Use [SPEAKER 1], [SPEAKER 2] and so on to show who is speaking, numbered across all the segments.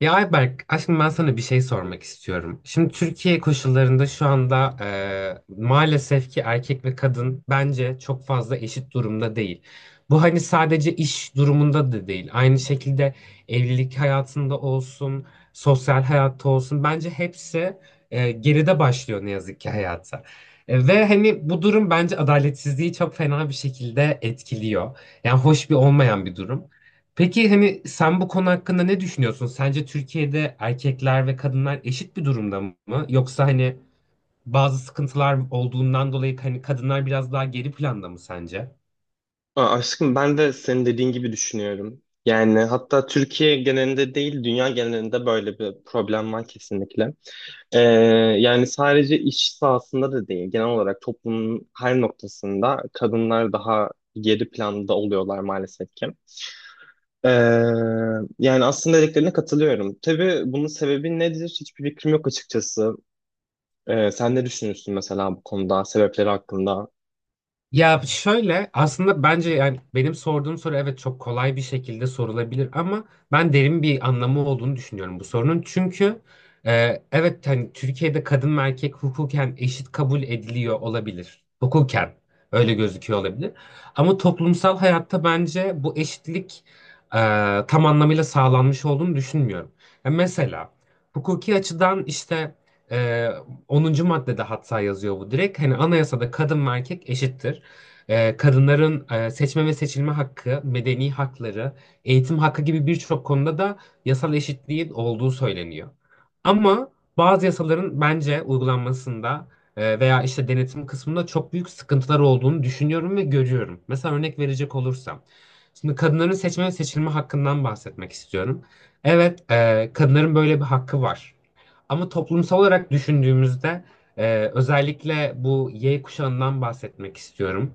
[SPEAKER 1] Ya Ayberk, aslında ben sana bir şey sormak istiyorum. Şimdi Türkiye koşullarında şu anda maalesef ki erkek ve kadın bence çok fazla eşit durumda değil. Bu hani sadece iş durumunda da değil. Aynı şekilde evlilik hayatında olsun, sosyal hayatta olsun. Bence hepsi geride başlıyor ne yazık ki hayata. Ve hani bu durum bence adaletsizliği çok fena bir şekilde etkiliyor. Yani hoş bir olmayan bir durum. Peki hani sen bu konu hakkında ne düşünüyorsun? Sence Türkiye'de erkekler ve kadınlar eşit bir durumda mı? Yoksa hani bazı sıkıntılar olduğundan dolayı hani kadınlar biraz daha geri planda mı sence?
[SPEAKER 2] Aşkım, ben de senin dediğin gibi düşünüyorum. Yani hatta Türkiye genelinde değil, dünya genelinde böyle bir problem var kesinlikle. Ee, Yani sadece iş sahasında da değil, genel olarak toplumun her noktasında kadınlar daha geri planda oluyorlar maalesef ki. Ee, Yani aslında dediklerine katılıyorum. Tabii bunun sebebi nedir? Hiçbir fikrim yok açıkçası. Sen ne düşünüyorsun mesela bu konuda, sebepleri hakkında?
[SPEAKER 1] Ya şöyle aslında bence yani benim sorduğum soru evet çok kolay bir şekilde sorulabilir ama ben derin bir anlamı olduğunu düşünüyorum bu sorunun. Çünkü evet hani Türkiye'de kadın ve erkek hukuken eşit kabul ediliyor olabilir. Hukuken öyle gözüküyor olabilir. Ama toplumsal hayatta bence bu eşitlik e, tam anlamıyla sağlanmış olduğunu düşünmüyorum. Ya mesela hukuki açıdan işte e, 10. maddede hatta yazıyor bu direkt. Hani anayasada kadın ve erkek eşittir. Kadınların seçme ve seçilme hakkı, medeni hakları, eğitim hakkı gibi birçok konuda da yasal eşitliğin olduğu söyleniyor. Ama bazı yasaların bence uygulanmasında veya işte denetim kısmında çok büyük sıkıntılar olduğunu düşünüyorum ve görüyorum. Mesela örnek verecek olursam. Şimdi kadınların seçme ve seçilme hakkından bahsetmek istiyorum. Evet, kadınların böyle bir hakkı var. Ama toplumsal olarak düşündüğümüzde özellikle bu Y kuşağından bahsetmek istiyorum.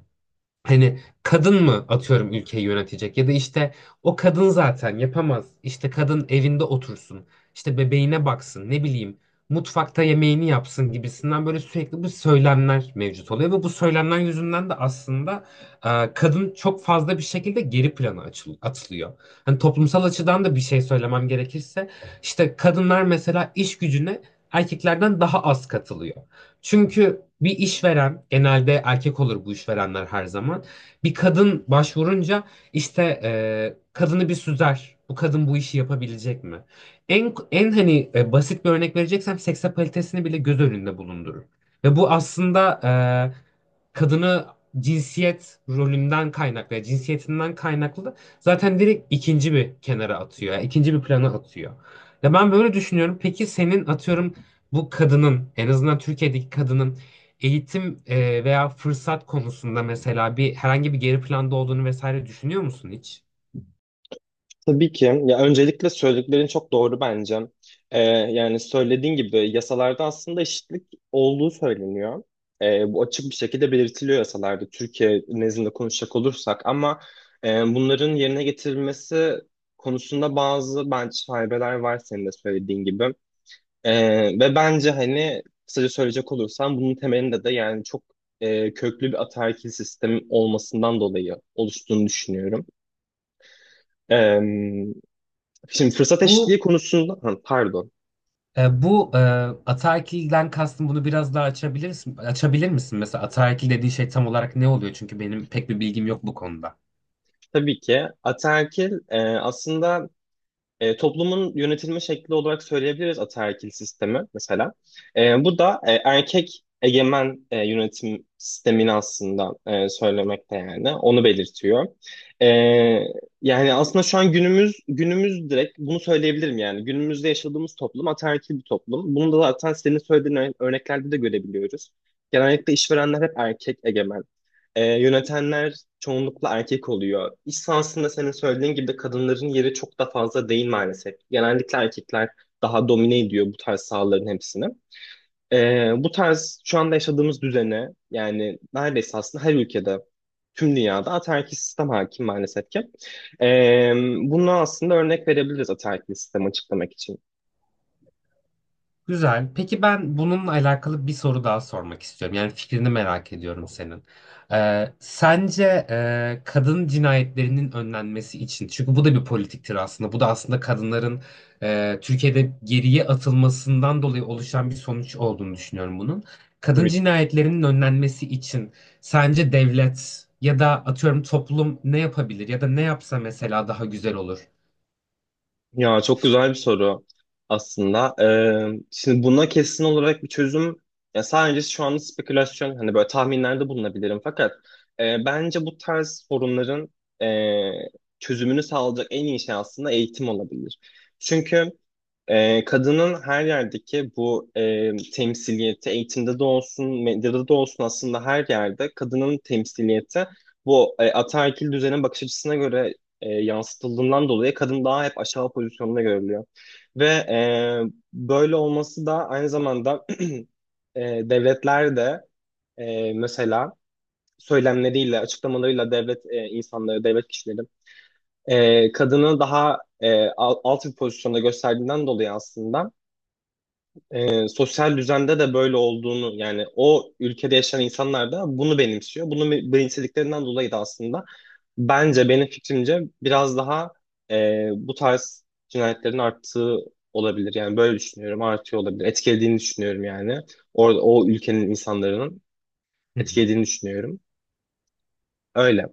[SPEAKER 1] Hani kadın mı atıyorum ülkeyi yönetecek ya da işte o kadın zaten yapamaz. İşte kadın evinde otursun. İşte bebeğine baksın ne bileyim mutfakta yemeğini yapsın gibisinden böyle sürekli bu söylemler mevcut oluyor ve bu söylemler yüzünden de aslında kadın çok fazla bir şekilde geri plana atılıyor. Hani toplumsal açıdan da bir şey söylemem gerekirse işte kadınlar mesela iş gücüne erkeklerden daha az katılıyor. Çünkü bir işveren genelde erkek olur bu işverenler her zaman. Bir kadın başvurunca işte kadını bir süzer. Bu kadın bu işi yapabilecek mi? En hani basit bir örnek vereceksem seksapalitesini bile göz önünde bulundurur. Ve bu aslında kadını cinsiyet rolünden kaynaklı, yani cinsiyetinden kaynaklı zaten direkt ikinci bir kenara atıyor. Yani ikinci bir plana atıyor. Ya ben böyle düşünüyorum. Peki senin atıyorum bu kadının en azından Türkiye'deki kadının eğitim veya fırsat konusunda mesela bir herhangi bir geri planda olduğunu vesaire düşünüyor musun hiç?
[SPEAKER 2] Tabii ki. Ya öncelikle söylediklerin çok doğru bence. Yani söylediğin gibi yasalarda aslında eşitlik olduğu söyleniyor. Bu açık bir şekilde belirtiliyor yasalarda Türkiye nezdinde konuşacak olursak ama bunların yerine getirilmesi konusunda bazı bence şaibeler var senin de söylediğin gibi. Ve bence hani kısaca söyleyecek olursam bunun temelinde de yani çok köklü bir ataerkil sistem olmasından dolayı oluştuğunu düşünüyorum. Ee, Şimdi fırsat
[SPEAKER 1] Bu
[SPEAKER 2] eşitliği konusunda ha, pardon.
[SPEAKER 1] e, bu e, Ataerkilden kastım bunu biraz daha açabilir misin? Mesela ataerkil dediği şey tam olarak ne oluyor? Çünkü benim pek bir bilgim yok bu konuda.
[SPEAKER 2] Tabii ki ataerkil aslında toplumun yönetilme şekli olarak söyleyebiliriz ataerkil sistemi mesela. Bu da erkek egemen yönetim sistemini aslında söylemekte, yani onu belirtiyor. E, Yani aslında şu an günümüz direkt bunu söyleyebilirim, yani günümüzde yaşadığımız toplum ataerkil bir toplum. Bunu da zaten senin söylediğin örneklerde de görebiliyoruz. Genellikle işverenler hep erkek egemen. Yönetenler çoğunlukla erkek oluyor. İş sahasında senin söylediğin gibi kadınların yeri çok da fazla değil maalesef. Genellikle erkekler daha domine ediyor bu tarz sahaların hepsini. Bu tarz şu anda yaşadığımız düzene, yani neredeyse aslında her ülkede, tüm dünyada ataerkil sistem hakim maalesef ki. Ee, Bunu aslında örnek verebiliriz ataerkil sistemi açıklamak için.
[SPEAKER 1] Güzel. Peki ben bununla alakalı bir soru daha sormak istiyorum. Yani fikrini merak ediyorum senin. Sence kadın cinayetlerinin önlenmesi için, çünkü bu da bir politiktir aslında. Bu da aslında kadınların Türkiye'de geriye atılmasından dolayı oluşan bir sonuç olduğunu düşünüyorum bunun. Kadın cinayetlerinin önlenmesi için sence devlet ya da atıyorum toplum ne yapabilir ya da ne yapsa mesela daha güzel olur?
[SPEAKER 2] Ya çok güzel bir soru aslında. Şimdi buna kesin olarak bir çözüm, ya sadece şu anda spekülasyon hani böyle tahminlerde bulunabilirim fakat bence bu tarz sorunların e, çözümünü sağlayacak en iyi şey aslında eğitim olabilir. Çünkü kadının her yerdeki bu temsiliyeti, eğitimde de olsun, medyada da olsun, aslında her yerde kadının temsiliyeti bu ataerkil düzenin bakış açısına göre yansıtıldığından dolayı kadın daha hep aşağı pozisyonda görülüyor. Ve böyle olması da aynı zamanda e, devletler de mesela söylemleriyle, açıklamalarıyla, devlet insanları, devlet kişileri kadını daha alt bir pozisyonda gösterdiğinden dolayı aslında sosyal düzende de böyle olduğunu, yani o ülkede yaşayan insanlar da bunu benimsiyor. Bunu benimsediklerinden dolayı da aslında bence, benim fikrimce, biraz daha bu tarz cinayetlerin arttığı olabilir. Yani böyle düşünüyorum, artıyor olabilir. Etkilediğini düşünüyorum yani. Orada o ülkenin insanların etkilediğini düşünüyorum. Öyle.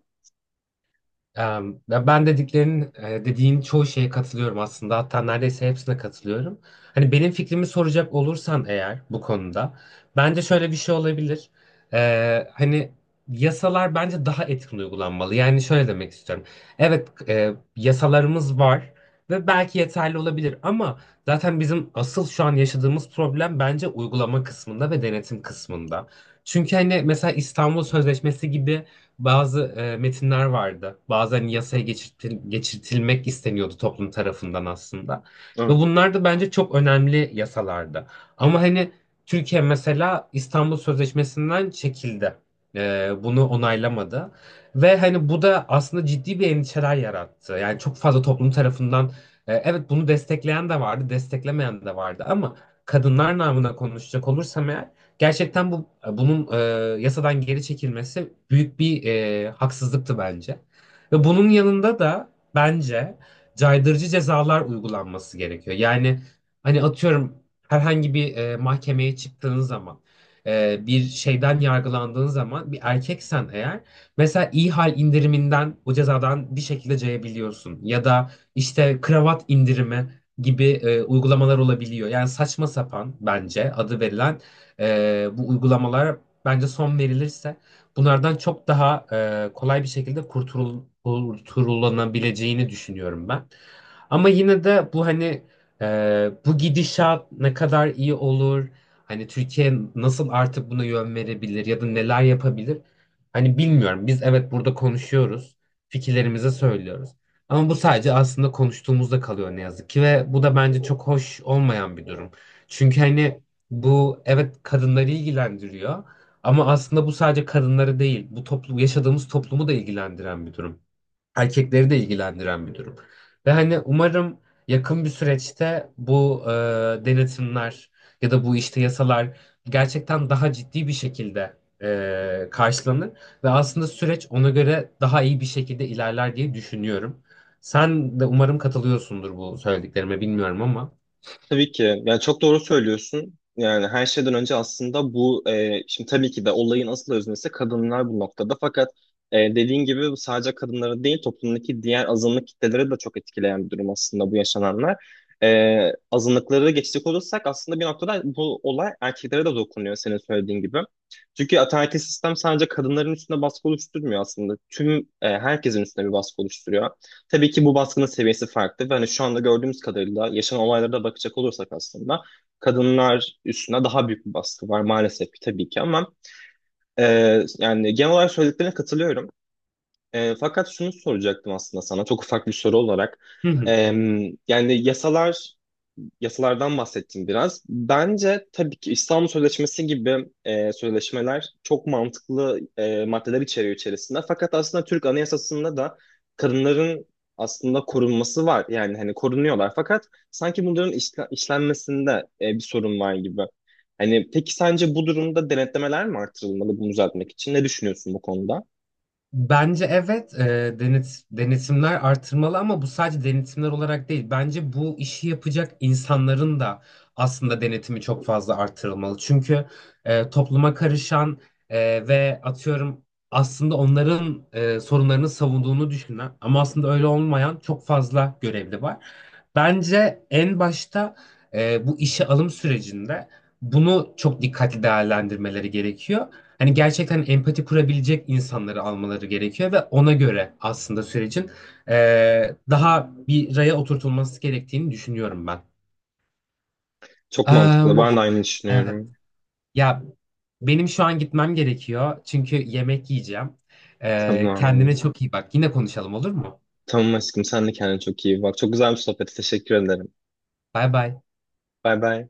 [SPEAKER 1] Ya ben dediğin çoğu şeye katılıyorum aslında. Hatta neredeyse hepsine katılıyorum. Hani benim fikrimi soracak olursan eğer bu konuda bence şöyle bir şey olabilir. Hani yasalar bence daha etkin uygulanmalı. Yani şöyle demek istiyorum. Evet, yasalarımız var ve belki yeterli olabilir ama zaten bizim asıl şu an yaşadığımız problem bence uygulama kısmında ve denetim kısmında. Çünkü hani mesela İstanbul Sözleşmesi gibi bazı metinler vardı. Bazen yasaya geçirtilmek isteniyordu toplum tarafından aslında. Ve
[SPEAKER 2] Hı.
[SPEAKER 1] bunlar da bence çok önemli yasalardı. Ama hani Türkiye mesela İstanbul Sözleşmesi'nden çekildi. Bunu onaylamadı. Ve hani bu da aslında ciddi bir endişeler yarattı. Yani çok fazla toplum tarafından evet bunu destekleyen de vardı, desteklemeyen de vardı ama kadınlar namına konuşacak olursam eğer gerçekten bunun yasadan geri çekilmesi büyük bir haksızlıktı bence. Ve bunun yanında da bence caydırıcı cezalar uygulanması gerekiyor. Yani hani atıyorum herhangi bir mahkemeye çıktığın zaman bir şeyden yargılandığın zaman bir erkeksen eğer mesela iyi hal indiriminden o cezadan bir şekilde cayabiliyorsun ya da işte kravat indirimi gibi uygulamalar olabiliyor. Yani saçma sapan bence adı verilen bu uygulamalar bence son verilirse bunlardan çok daha kolay bir şekilde kurtulanabileceğini düşünüyorum ben. Ama yine de bu hani bu gidişat ne kadar iyi olur, hani Türkiye nasıl artık buna yön verebilir ya da neler yapabilir? Hani bilmiyorum. Biz evet burada konuşuyoruz, fikirlerimizi söylüyoruz. Ama bu sadece aslında konuştuğumuzda kalıyor ne yazık ki ve bu da bence çok hoş olmayan bir durum. Çünkü hani bu evet kadınları ilgilendiriyor ama aslında bu sadece kadınları değil, bu yaşadığımız toplumu da ilgilendiren bir durum. Erkekleri de ilgilendiren bir durum. Ve hani umarım yakın bir süreçte bu denetimler ya da bu işte yasalar gerçekten daha ciddi bir şekilde karşılanır ve aslında süreç ona göre daha iyi bir şekilde ilerler diye düşünüyorum. Sen de umarım katılıyorsundur bu söylediklerime bilmiyorum ama.
[SPEAKER 2] Tabii ki. Yani çok doğru söylüyorsun. Yani her şeyden önce aslında bu şimdi tabii ki de olayın asıl öznesi kadınlar bu noktada. Fakat dediğin gibi bu sadece kadınları değil, toplumdaki diğer azınlık kitleleri de çok etkileyen bir durum aslında bu yaşananlar. Azınlıkları geçecek olursak aslında bir noktada bu olay erkeklere de dokunuyor, senin söylediğin gibi. Çünkü ataerkil sistem sadece kadınların üstünde baskı oluşturmuyor aslında. Tüm herkesin üstüne bir baskı oluşturuyor. Tabii ki bu baskının seviyesi farklı ve hani şu anda gördüğümüz kadarıyla yaşanan olaylara da bakacak olursak aslında kadınlar üstüne daha büyük bir baskı var maalesef ki tabii ki ama yani genel olarak söylediklerine katılıyorum. Fakat şunu soracaktım aslında sana çok ufak bir soru olarak.
[SPEAKER 1] Hı
[SPEAKER 2] E,
[SPEAKER 1] hı.
[SPEAKER 2] Yani yasalardan bahsettim biraz. Bence tabii ki İstanbul Sözleşmesi gibi sözleşmeler çok mantıklı maddeler içeriyor içerisinde. Fakat aslında Türk Anayasası'nda da kadınların aslında korunması var. Yani hani korunuyorlar. Fakat sanki bunların işlenmesinde bir sorun var gibi. Hani peki sence bu durumda denetlemeler mi artırılmalı bunu düzeltmek için? Ne düşünüyorsun bu konuda?
[SPEAKER 1] Bence evet, denetimler artırmalı ama bu sadece denetimler olarak değil. Bence bu işi yapacak insanların da aslında denetimi çok fazla artırılmalı. Çünkü topluma karışan ve atıyorum aslında onların sorunlarını savunduğunu düşünen ama aslında öyle olmayan çok fazla görevli var. Bence en başta bu işe alım sürecinde bunu çok dikkatli değerlendirmeleri gerekiyor. Hani gerçekten empati kurabilecek insanları almaları gerekiyor ve ona göre aslında sürecin daha bir raya oturtulması gerektiğini düşünüyorum ben.
[SPEAKER 2] Çok
[SPEAKER 1] Em,
[SPEAKER 2] mantıklı. Ben de aynı
[SPEAKER 1] evet.
[SPEAKER 2] düşünüyorum.
[SPEAKER 1] Ya benim şu an gitmem gerekiyor çünkü yemek yiyeceğim.
[SPEAKER 2] Tamam.
[SPEAKER 1] Kendine çok iyi bak. Yine konuşalım, olur mu?
[SPEAKER 2] Tamam aşkım, sen de kendine çok iyi bak. Çok güzel bir sohbet. Teşekkür ederim.
[SPEAKER 1] Bay bay.
[SPEAKER 2] Bay bay.